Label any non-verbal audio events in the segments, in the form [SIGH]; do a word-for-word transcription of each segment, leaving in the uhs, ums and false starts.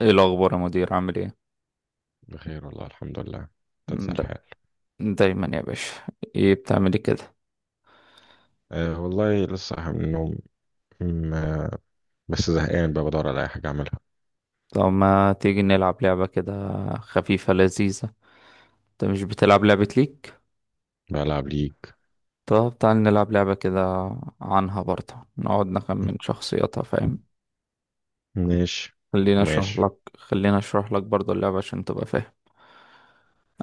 ايه الاخبار يا مدير؟ عامل ايه؟ بخير والله، الحمد لله. تنزل دا الحال. دايما يا باشا. ايه بتعملي كده؟ أه والله لسه صاحي من النوم. م- آه، بس زهقان بقى، بدور على أي حاجة أعملها. طب ما تيجي نلعب لعبة كده، خفيفة لذيذة. انت مش بتلعب لعبة ليك؟ بلعب ليج. طب تعال نلعب لعبة كده، عنها برضه نقعد نخمن شخصياتها، فاهم؟ ماشي. خلينا اشرح ماشي. لك خلينا اشرح لك برضه اللعبة عشان تبقى فاهم.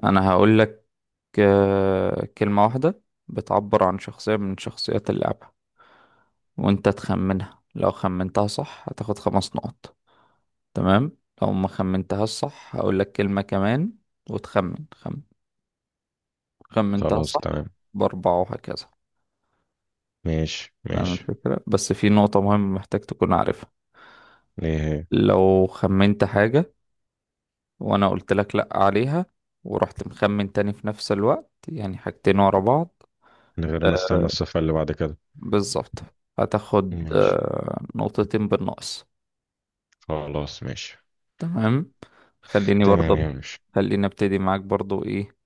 انا هقول لك آه، كلمة واحدة بتعبر عن شخصية من شخصيات اللعبة، وانت تخمنها. لو خمنتها صح هتاخد خمس نقط، تمام؟ لو ما خمنتها الصح هقول لك كلمة كمان، وتخمن. خمن. خمنتها خلاص صح تمام. بأربعة، وهكذا. ماشي، فاهم ماشي. الفكرة؟ بس في نقطة مهمة محتاج تكون عارفها. إيه؟ لو خمنت حاجة وأنا قلت لك لأ عليها، ورحت مخمن تاني في نفس الوقت، يعني حاجتين ورا بعض. من غير ما استنى آه، الصفة اللي بعد كده. بالظبط. هتاخد ماشي. آه نقطتين بالنقص. خلاص ماشي. تمام. خليني تمام يا برضه ماشي. خليني ابتدي معاك برضه، ايه؟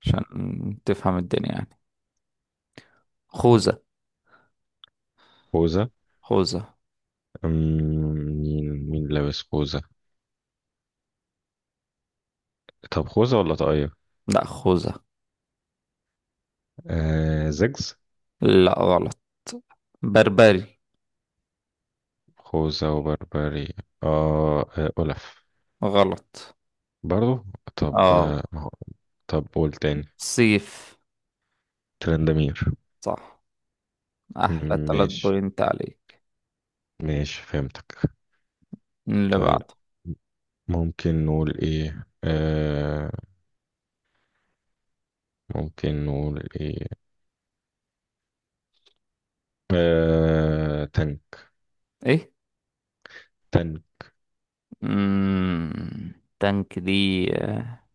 عشان تفهم الدنيا يعني. خوذة. خوذة. خوذة. أم، مين مين لابس خوذة؟ طب خوذة ولا طاقية؟ لا خوذة. آه، زجز. لا، غلط. بربري. خوذة وبربري. آه, آه أولف. غلط. برضو. طب، آه، اه، ما هو. طب قول تاني. سيف. ترندمير. صح. احلى تلات ماشي، بوينت عليك. ماشي فهمتك. اللي طيب. بعده. ممكن نقول ايه آه ممكن نقول ايه. آه تانك. ايه؟ تانك. مم. تانك دي آه،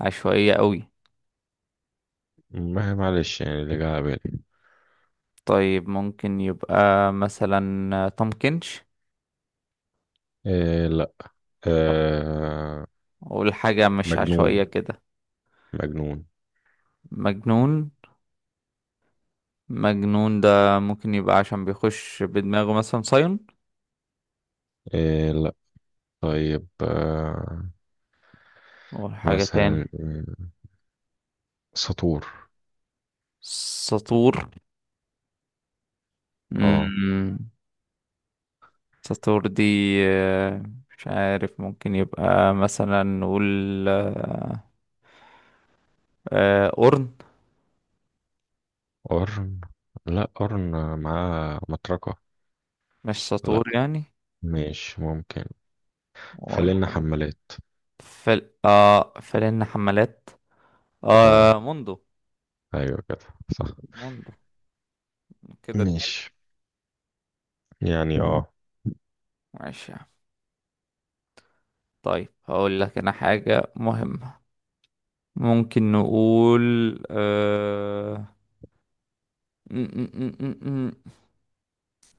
عشوائية قوي. ما- معلش، يعني اللي جه على بالي. طيب ممكن يبقى مثلا آه، تومكنش. آه لا. آه، آه. اقول حاجة مش مجنون. عشوائية كده. مجنون. مجنون. مجنون ده ممكن يبقى عشان بيخش بدماغه، مثلا سايون. آه لا. طيب. آه اقول حاجة تاني. مثلا، آه، سطور. سطور. اه. مم. ساتور دي آه، مش عارف. ممكن يبقى مثلا نقول آه، آه، أورن. قرن. لا، قرن معاه مطرقة. مش ساتور لا. يعني. ماشي، ممكن. خلينا والحاجة حمالات. فل اه فلن حمالات. اه، اه، موندو. ايوه كده. صح. موندو، كده اتنين. ماشي. يعني اه ماشي يا عم. طيب هقول لك انا حاجة مهمة. ممكن نقول آه... م- م- م- م- م.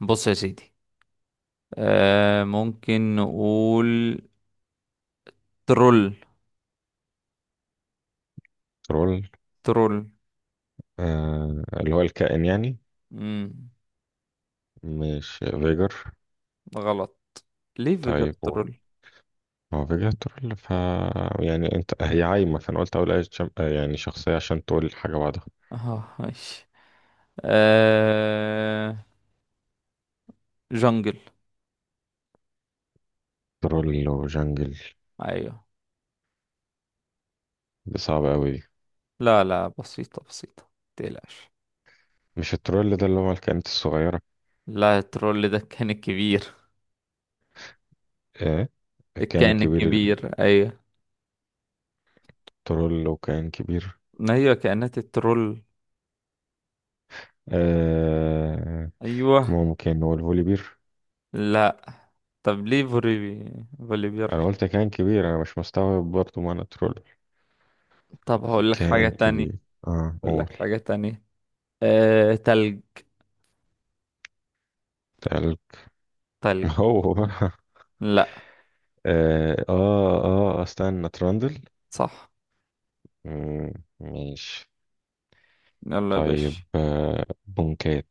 بص يا سيدي. آه... ممكن نقول ترول. ترول. ترول. آه، اللي هو الكائن يعني. مم. مش فيجر؟ غلط. ليه طيب قول. فيجاترول. هو فيجر ترول، ف يعني انت هي عايمة، فانا قلت اقول اي شم... آه، يعني شخصية عشان تقول حاجة بعدها. اه، ماشي. آه... جنجل. ترول وجنجل؟ ايوه. دي صعبة قوي دي. لا لا، بسيطة بسيطة، متقلقش. مش الترول ده اللي هو الكائنات الصغيرة؟ لا، الترول ده كان الكبير. ايه؟ الكائن الكائن الكبير؟ الكبير، ايوه. الترول وكائن كبير. ما هي كائنات الترول. آه. ايوه. ممكن هو الفوليبير. لا. طب ليه فوليبي فوليبير. انا قلت كائن كبير، انا مش مستوعب برضه معنى ترول. طب هقول لك حاجة كائن تانية كبير. اه هقول قول. لك حاجة تانية. آه... تلج. تقل. [LAUGHS] تلج. هو بقى. لا. اه، اه. آه، استنى، ترندل. صح. مم، ماشي. يلا يا طيب. باشا. آه بونكات.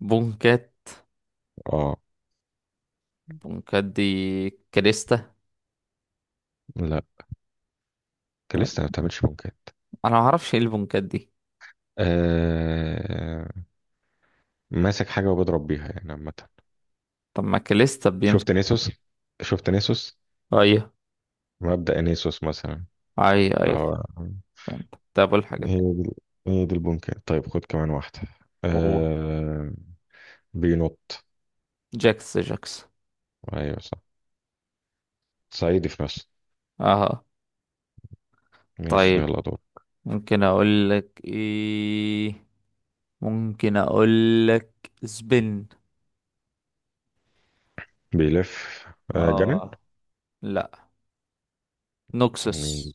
بونكات. اه. بونكات دي كريستا. لا. كان طب لسه ما بتعملش بونكات. انا ما اعرفش ايه البونكات دي. آه ماسك حاجة وبضرب بيها يعني عامة. طب ما كاليستا شفت بيمسك. نيسوس؟ شفت نيسوس؟ ايوه، مبدأ نيسوس مثلا، ايوه، اللي ايوه، هو... فهمت. طب أقول حاجة تانية. هي دي. هي دي البونكات. طيب خد كمان واحدة. أوه. آه بينط. جاكس جاكس. ايوه صح. صعيدي في نفسه. اه. ماشي، طيب يلا دور. ممكن اقول لك ايه ممكن اقول لك سبين. بيلف. آه جنن. اه. لا. مين؟ نوكسس.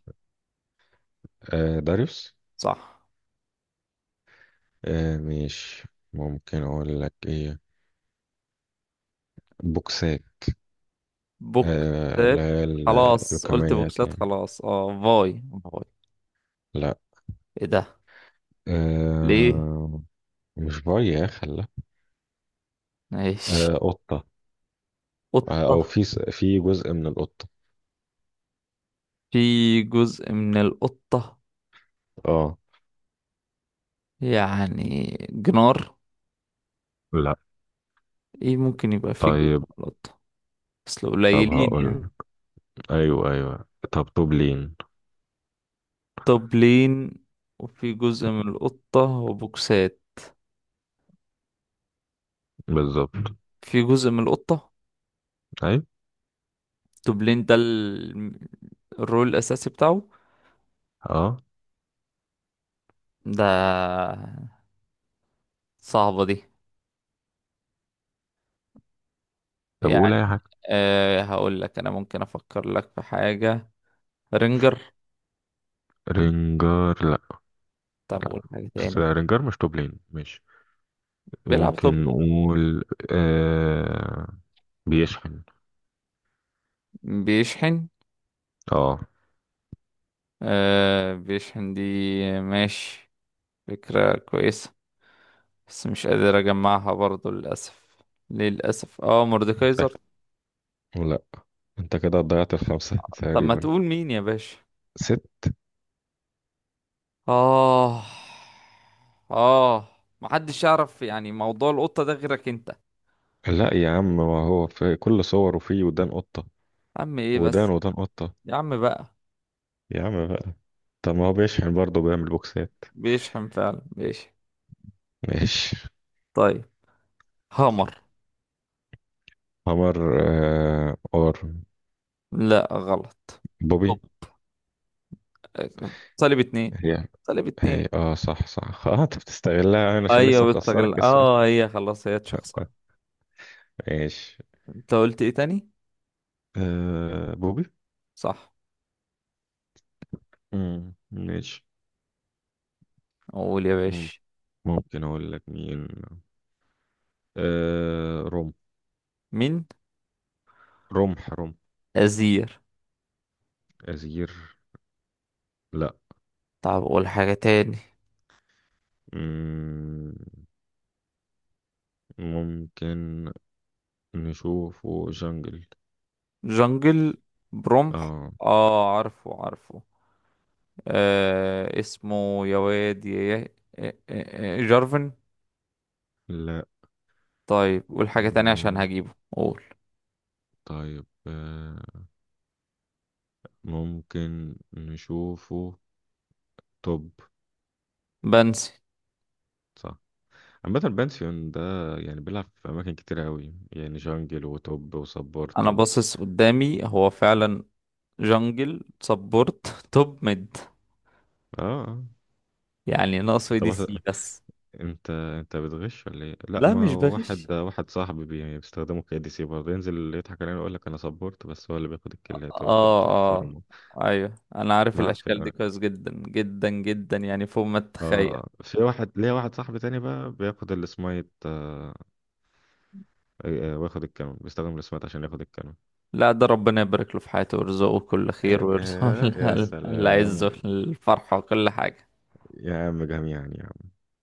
آه داريوس. صح. آه مش، ممكن اقول لك ايه. بوكسات. آه بوكسات. لا، ال- خلاص، قلت اللوكميات بوكسات، يعني. خلاص. اه، فاي فاي. لا. ايه ده؟ ليه؟ آه مش بياخ، لا. ماشي. آه قطة. آه، او قطة. في س- في جزء من القطة. في جزء من القطة، اه. يعني جنار. لا. ايه؟ ممكن يبقى فيه جزء طيب. من القطة. اصل طب قليلين يعني. هقول. ايوه، ايوه، طب طوبلين. طبلين، وفي جزء من القطة، وبوكسات. بالظبط. في جزء من القطة. ايوه. طبلين ده ال- الرول الأساسي بتاعه. اه. ده صعبة دي. طب قول يعني اي حاجة. أه هقول لك أنا. ممكن أفكر لك في حاجة. رينجر. رنجر، لا. طب لا. قول حاجة بس تاني. رنجر مش طوبلين، ماشي. بيلعب طب. ممكن نقول آه بيشحن. بيشحن. اه. أه، بيشحن دي. ماشي. فكرة كويسة، بس مش قادر اجمعها برضو، للاسف. للاسف اه انت. مordekaiser. لا. انت كده ضيعت الخمسة [LAUGHS] طب ما تقريبا. تقول مين يا باشا؟ ست. اه، اه. محدش يعرف يعني موضوع القطة ده غيرك انت يا. لا يا عم، ما هو في كل صوره فيه ودان قطة. عم ايه ودان، بس. ودان قطة. يا عم بقى. يا عم بقى. طب ما هو بيشحن برضه بيعمل بوكسات. بيشحم، فعلا بيشحم. ماشي. طيب هامر. قمر. آه اور. لا، غلط. طب بوبي. آه، صليب اتنين. هي. صليب هي اتنين. اه، صح، صح [LAUGHS] اه، انت بتستغلها يعني عشان لسه ايوه مخسرك بتستغل السؤال. اه هي خلاص، هي شخصية. ماشي. انت قلت ايه تاني؟ آه بوبي. صح. مم، ماشي. قول يا مم، باشا. ممكن اقول لك مين. آه رمح. مين؟ رمح، رمح. ازير. أزير. لا. طب قول حاجة تاني. مم، ممكن نشوفه جنجل. جنجل. برمح. اه. اه، عارفه عارفه. آه اسمه يا واد يا يا- آه، آه، آه، جارفن. لا. طيب قول حاجة تانية عشان مم هجيبه. قول. طيب، آه ممكن نشوفه توب. بنسي. صح. عامة البانسيون ده، يعني بيلعب في أماكن كتير أوي، يعني جنجل وتوب وسبورت انا و... باصص قدامي هو فعلا. جنجل سبورت. توب ميد. اه. آه. يعني ناقصه انت دي بس، سي بس. انت انت بتغش ولا ايه؟ لا، لا، ما مش هو بغش. واحد، واحد صاحبي بي- بيستخدمه كدي سي برضه، ينزل يضحك علينا ويقول لك انا سبورت، بس هو اللي بياخد الكلات وياخد اه، اه. الفارم. ايوه انا عارف معفن الاشكال دي قوي. كويس جدا جدا جدا، يعني فوق ما تتخيل. اه، في واحد ليا، واحد صاحبي تاني بقى بياخد السمايت. آه، آه، وياخد الكانون، بيستخدم السمايت عشان ياخد الكانون. لا، ده ربنا يبارك له في حياته، ويرزقه كل خير، إيه- ويرزقه إيه، يا [LAUGHS] اللي عايزه سلام. الفرحة وكل حاجة. يا عم جميعا، يا عم.